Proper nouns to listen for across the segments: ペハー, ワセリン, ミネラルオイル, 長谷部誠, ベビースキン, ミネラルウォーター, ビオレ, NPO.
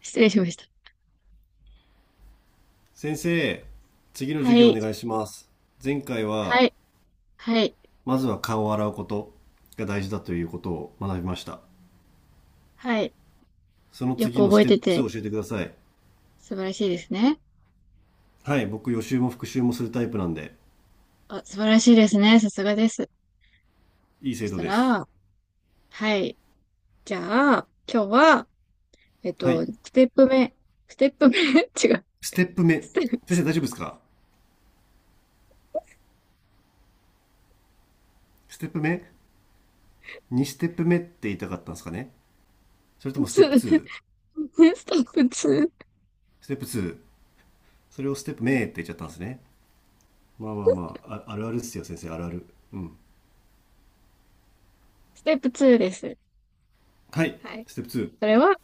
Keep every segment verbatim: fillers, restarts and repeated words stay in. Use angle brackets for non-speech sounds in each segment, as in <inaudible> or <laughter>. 失礼しました。先生、次のは授業おい、願いします。前回はは、い、はい、まずは顔を洗うことが大事だということを学びました。はい。そのよく次の覚スえテてップて、ツーを教えてください。素晴らしいですね。はい、僕予習も復習もするタイプなんで、あ、素晴らしいですね。さすがです。いいそ生し徒たです。ら、はい。じゃあ、今日は、えっはい、と、ステップ目、ステップ目 <laughs>、違う。ステップ目。ステップ先生大丈夫ですか？ステップ目？ ツー ステップ目って言いたかったんですかね？それともステップ ツー、ステ ツー ップに、スステップツー。それをステップ目って言っちゃったんですね。まあまあまあ、ああるあるですよ先生、あるある。うん。テップツーです。はい、はい。ステップツー。それは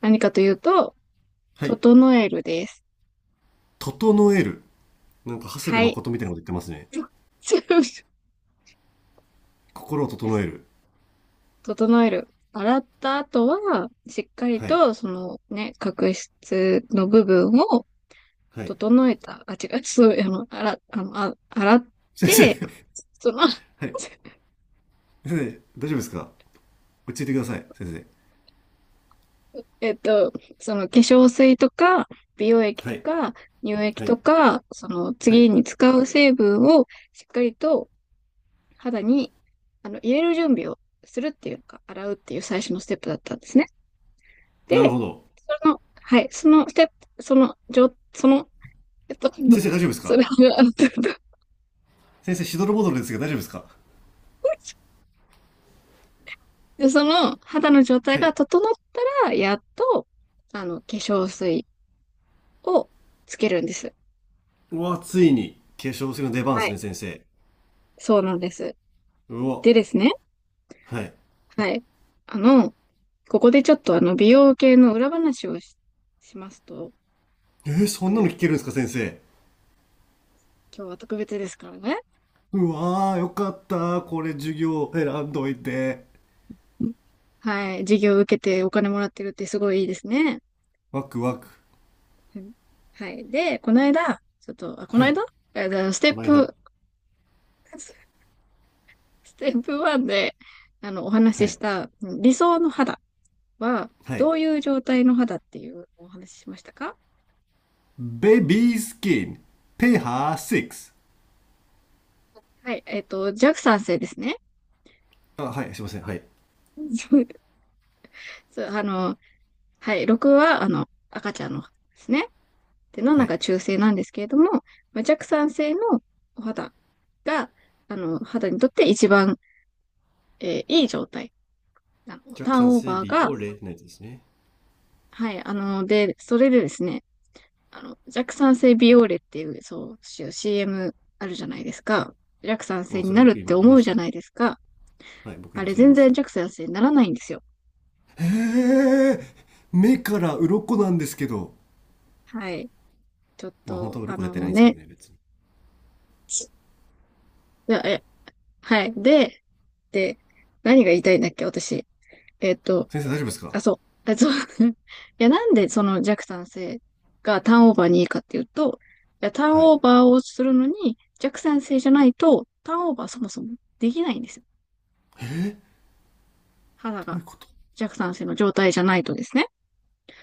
何かというと、はい、整えるです。整える。なんか、長谷部はい。誠みたいなこと言ってますね。<laughs> 心を整える。整える。洗った後は、しっかりはい。と、そのね、角質の部分をはい。整えた。あ、違う、<laughs> そう、あの、洗、あの、あ、洗っ先生。て、その、<laughs> <laughs> はい。先生、大丈夫ですか？落ち着いてください、先生。えっと、その化粧水とか、美容液はとい。か、乳液はとい。か、そのは次い。に使う成分をしっかりと肌に、あの、入れる準備をするっていうか、洗うっていう最初のステップだったんですね。なるで、ほど。その、はい、そのステップ、その、じょ、そのえっと、先生、大丈夫ですそれか？は、<laughs> あの先生、しどろもどろですが、大丈夫ですか？で、その肌の状態はがい。整ったら、やっと、あの、化粧水をつけるんです。うわ、ついに、化粧水の出番ではすい。ね、先生。そうなんです。うわ。でですね、はい。はい。あの、ここでちょっとあの、美容系の裏話をし、しますと、えー、そあんなのの、聞けるんですか、先生？今日は特別ですからね。うわー、よかった。これ、授業選んどいて。うん。はい。授業を受けてお金もらってるってすごいいいですね。ワクワク。うん。はい。で、この間、ちょっと、あ、こはのい。間えーステこッの間。プ、ステップワンで、あの、おは話ししい。た理想の肌は、はい。どういう状態の肌っていうお話ししましたか？ベビースキン、ペハーろく。はい、えっと、弱酸性ですね。あ、はい、すいません。はい。<laughs> そう、あの、はい、ろくは、あの、赤ちゃんの肌ですね。で、はしちい。が中性なんですけれども、まあ、弱酸性のお肌が、あの、肌にとって一番、えーいい状態。あの、ジャッタークさんンオー性バービが、オレのやつですね。はい、あの、で、それでですね、あの、弱酸性ビオーレっていう、そう、シーエム あるじゃないですか。弱酸う性ん、にそれなるっ僕て今言い思まうしじゃたなね。いですか。はい、僕あ今れそれ言い全まし然弱た。酸性にならないんですよ。へえ、目から鱗なんですけど。はい。ちょっまあ本と、当はあ鱗出の、てなもういんですけどね、ね、別に。いやえ、はい。で、で、何が言いたいんだっけ、私。えっと、先生大丈夫ですか？あ、そう。あ、そう。<laughs> いや、なんでその弱酸性がターンオーバーにいいかっていうと、いや、ターンはい。オーバーをするのに弱酸性じゃないと、ターンオーバーそもそもできないんですよ。肌どういが。うこと？弱酸性の状態じゃないとですね。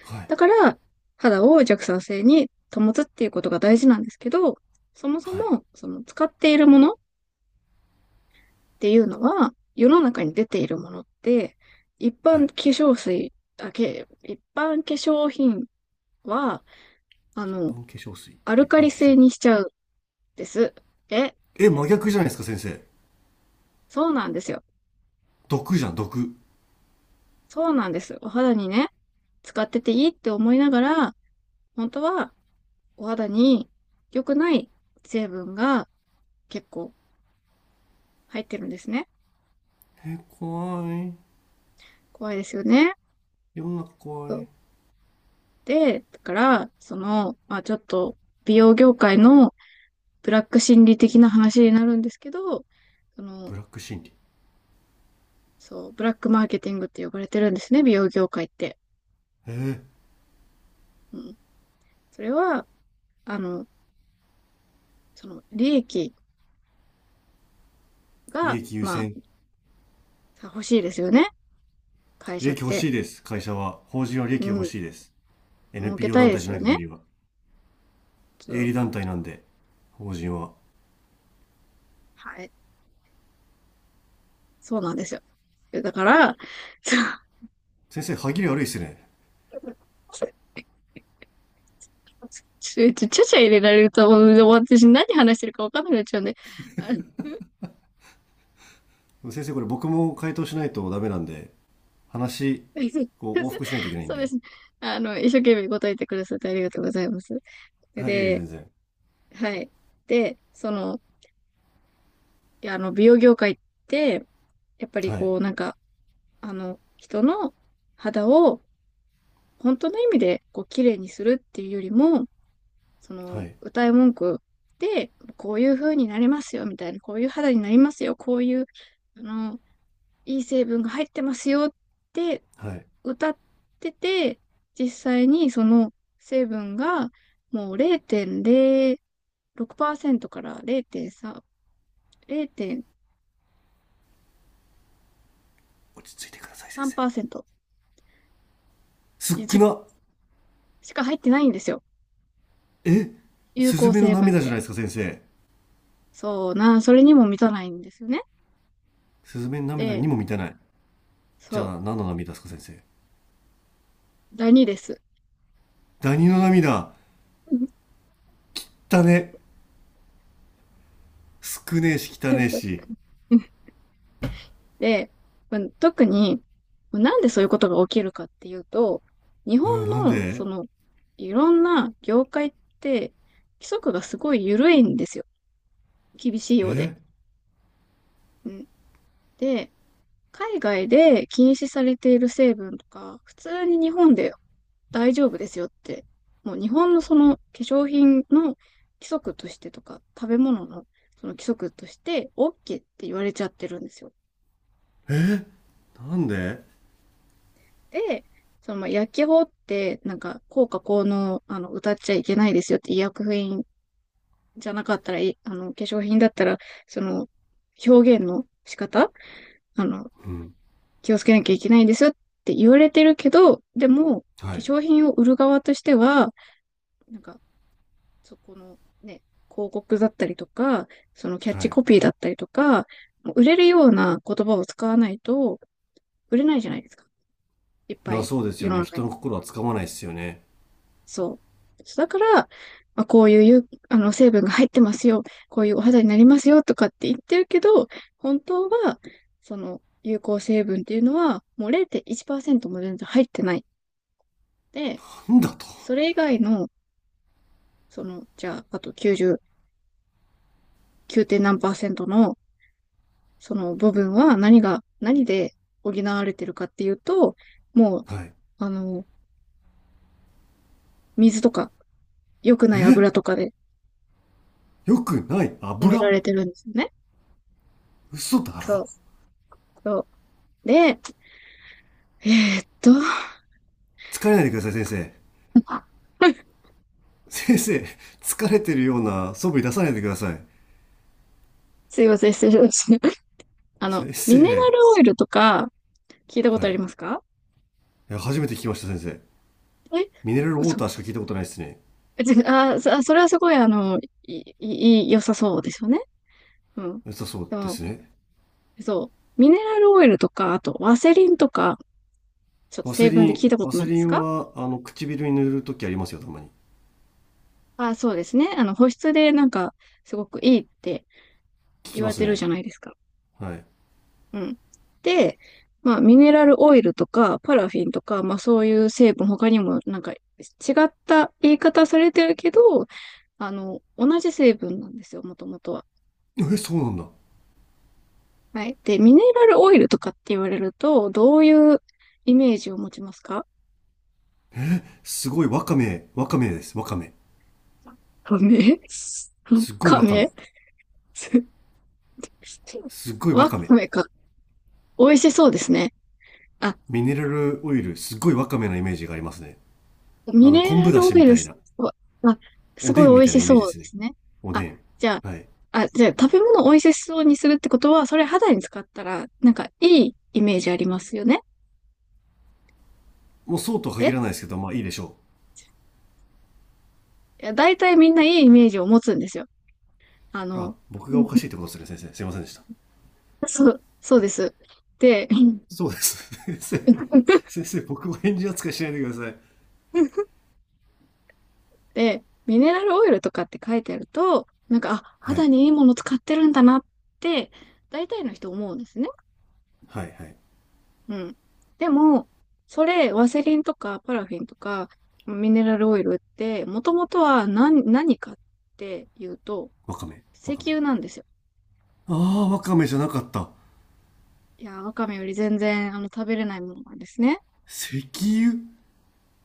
はい。だから、肌を弱酸性に保つっていうことが大事なんですけど、そもそはい。も、その使っているものっていうのは、世の中に出ているものって、一は般化い。粧水、あ、け、一般化粧品は、あ一の、般化粧水。ア一ルカ般リ化粧性品。にしちゃうんです。え、え、真逆じゃないですか、先生？そうなんですよ。毒じゃん、毒。そうなんです。お肌にね、使ってていいって思いながら、本当はお肌に良くない成分が結構入ってるんですね。え、怖い。怖いですよね。世の中怖そうい。で、だから、その、まあちょっと美容業界のブラック心理的な話になるんですけど、その、ブラック心理。そう、ブラックマーケティングって呼ばれてるんですね、美容業界って。えー、うん。それは、あの、その、利益利が、益優ま先。あ、欲しいですよね。会利社っ益欲て。しいです、会社は。法人は利う益が欲ん。しいです。儲け エヌピーオー たい団で体じすゃなよい限ね。りは。そ営う。利団体なんで、法人は。はい。そうなんですよ。だから、そ先生、歯切れ悪いっすね。うちょ、ちょ、ちゃちゃ入れられると、もう私何話してるか分かんなくなっちゃうんで。あの 先生、これ僕も回答しないとダメなんで、話、<laughs> こう、往復しないといけないんそうでで。すね。あの、一生懸命答えてくださってありがとうございます。はい、ええ、で、全然。はい。で、その、いや、あの、美容業界って、やっぱりはい、こう、なんか、あの、人の肌を本当の意味で、こう、綺麗にするっていうよりも、そはの、い、歌い文句で、こういう風になりますよ、みたいな、こういう肌になりますよ、こういう、あの、いい成分が入ってますよってはい。歌ってて、実際にその成分がもうれいてんれいろくパーセントかられいてんさん、落ち着いてください、先生。れいてんさんパーセントすっ一く部なしか入ってないんですよ。え有スズ効メの成分っ涙じゃないて。ですか、先生？そうな、それにも満たないんですよね。スズメの涙で、にも満たない。じそう、ゃあ、何の涙ですか、先生？ダニです。ダニの涙だね、少ねえし汚ねえし。<laughs> で、まあ特に、なんでそういうことが起きるかっていうと、日うん、本なんの、そでの、いろんな業界って、規則がすごい緩いんですよ。厳しいようで。えうん。で、海外で禁止されている成分とか、普通に日本で大丈夫ですよって、もう日本のその化粧品の規則としてとか、食べ物のその規則として OK って言われちゃってるんですよ。なんでで、その、まあ、薬機法って、なんか、効果効能、あの、歌っちゃいけないですよって、医薬品じゃなかったら、いあの、化粧品だったら、その、表現の仕方、あの、うん。気をつけなきゃいけないんですよって言われてるけど、でも、化はい。粧品を売る側としては、なんか、そこのね、広告だったりとか、そのキャッはチい。コピーだったりとか、売れるような言葉を使わないと、売れないじゃないですか。いっぱな、いそうです世よのね。中人に。の心はつかまないですよね。そう。そうだから、まあ、こういう有あの成分が入ってますよ。こういうお肌になりますよとかって言ってるけど、本当は、その有効成分っていうのは、もうれいてんいちパーセントも全然入ってない。で、なんだと？それ以外の、その、じゃあ、あときゅうじゅうきゅうてんなんパーセント何パーセントの、その部分は何が、何で補われてるかっていうと、もう、はい。あの、水とか、良くない油とかでよくない埋めら油。れてるんですよね。嘘だそろ？う。そう。で、えーっと、疲れないでください、先生。<laughs> 先生、疲れてるような素振り出さないでください。すいません、失礼しました。あの、先ミネラ生。ルオイルとか、聞いたこはとありい。ますか？いや、初めて聞きました、先生。え、ミネラルウォー嘘。ターしか聞いたことないですね。<laughs> え違あ、そそれはすごい、あの、い、い、い良さそうですよね。うん。良さそうででも、すね。そう。ミネラルオイルとか、あと、ワセリンとか、ちょっとワセ成リ分でン、聞いたこワとなセいでリすンか？は、あの、唇に塗るときありますよ、たまに。あ、そうですね。あの、保湿でなんか、すごくいいって聞言きわまれすてるじね。ゃないですか。はい。うん。で、まあ、ミネラルオイルとか、パラフィンとか、まあ、そういう成分、他にも、なんか、違った言い方されてるけど、あの、同じ成分なんですよ、もともとは。え、そうなんだ。はい。で、ミネラルオイルとかって言われると、どういうイメージを持ちますか？すごい、ワカメ、ワカメです、ワカメ、カメすっごいカわかメ め。<laughs> すっごいわわかめ。かめか。美味しそうですね。あ、ミネラルオイル、すっごいわかめのイメージがありますね。あミの、ネ昆ラ布だルしオイみルたいす、な、まあ、すおごでいんみ美たいな味しイメージでそうすでね。すね。おであ、ん。じゃはい。あ、あ、じゃあ食べ物を美味しそうにするってことは、それ肌に使ったら、なんかいいイメージありますよね。もうそうとは限えらないですけど、まあいいでしょいや、大体みんないいイメージを持つんですよ。あう。あ、の、僕うがん。おかしいってことですね、先生。すいませんでした。そう、そうです。で、そうです。<laughs> 先生、先 <laughs> 生、僕を返事扱いしないでくださで、ミネラルオイルとかって書いてあると、なんか、あ、い。は肌い。にいいもの使ってるんだなって、大体の人思うんですね。はい、はい。うん。でも、それ、ワセリンとかパラフィンとか、ミネラルオイルって、もともとは何、何かっていうと、わかめ、石わかめ。油なんですよ。ああ、わかめじゃなかった。いやー、ワカメより全然、あの、食べれないものなんですね。石油。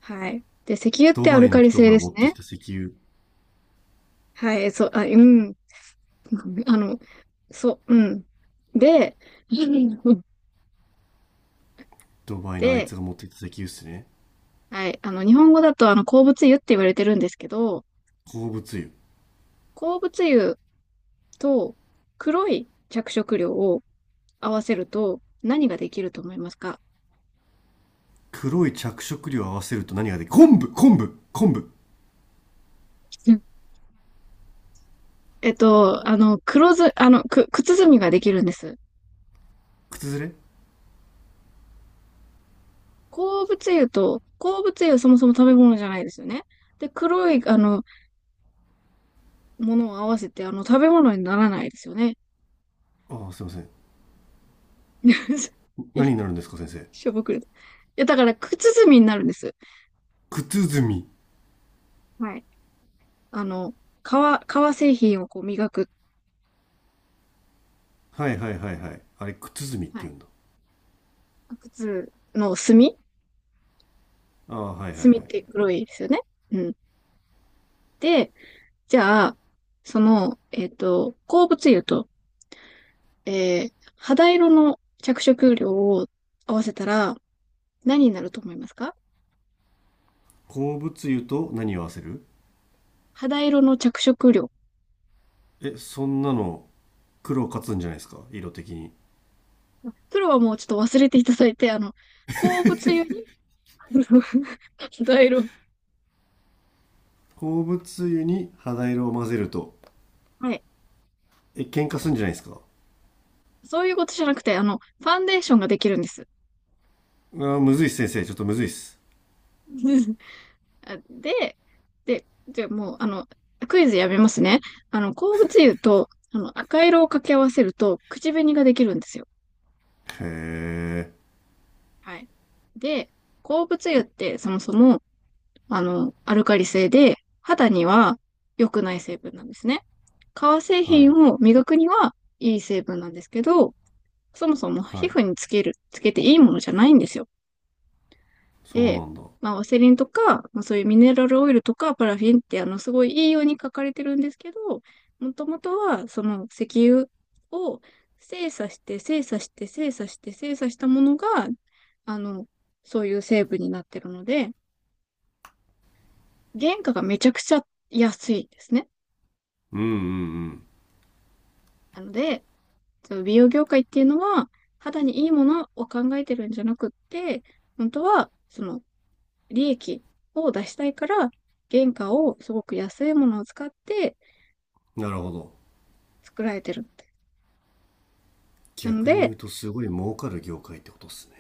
はい。で、石油っドてアバルイのカリ人性がで持すってね。きた石油。はい、そう、あ、うん。<laughs> あの、そう、うん。で、<laughs> ドバイのあいで、つが持ってきた石油っすね。はい、あの、日本語だと、あの、鉱物油って言われてるんですけど、鉱物油。鉱物油と黒い着色料を合わせると何ができると思いますか？黒い着色料を合わせると何ができる？昆布昆布昆布。うん。えっと、あの、黒ず、あの、く、靴墨みができるんです。靴ずれ。鉱物油と、鉱物油はそもそも食べ物じゃないですよね。で、黒い、あの、ものを合わせて、あの、食べ物にならないですよね。ああ、すいません。<laughs> え何になるんですか、先生？しょぼくれた。いや、だから、靴墨みになるんです。靴ずみ。はい。あの、革、革製品をこう磨く。はいはいはいはい。あれ、靴ずみっては言い。うんだ。靴の墨。ああ、はいはいはい。墨って黒いですよね。うん。で、じゃあ、その、えっと、鉱物油と、えー、肌色の着色料を合わせたら何になると思いますか？鉱物油と何を合わせる？肌色の着色料。え、そんなの、黒勝つんじゃないですか、色的に。それはもうちょっと忘れていただいて、あの、鉱物油に <laughs> 肌色。鉱物油に肌色を混ぜると。はい。え、喧嘩するんじゃないですか。そういうことじゃなくて、あの、ファンデーションができるんです。あーむずいっす、先生。ちょっとむずいっす。<laughs> あで、で、じゃあもう、あの、クイズやめますね。あの、鉱物油と、あの、赤色を掛け合わせると、口紅ができるんですよ。へえ。はい。で、鉱物油ってそもそも、あの、アルカリ性で、肌には良くない成分なんですね。革製は品い。を磨くにはいい成分なんですけど、そもそもは皮い。膚につける、つけていいものじゃないんですよ。そうで、なんだ。うまあ、ワセリンとか、まあ、そういうミネラルオイルとか、パラフィンって、あの、すごいいいように書かれてるんですけど、もともとは、その石油を精査して、精査して、精査して、精査したものが、あの、そういう成分になってるので、原価がめちゃくちゃ安いんですね。んうんなので、その美容業界っていうのは、肌にいいものを考えてるんじゃなくって、本当は、その利益を出したいから、原価をすごく安いものを使ってうん。なるほど。作られてる。なの逆に言で、うとすごい儲かる業界ってことっすね。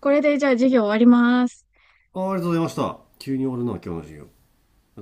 これでじゃあ事業終わります。あーありがとうございました。急に終わるな、今日の授業。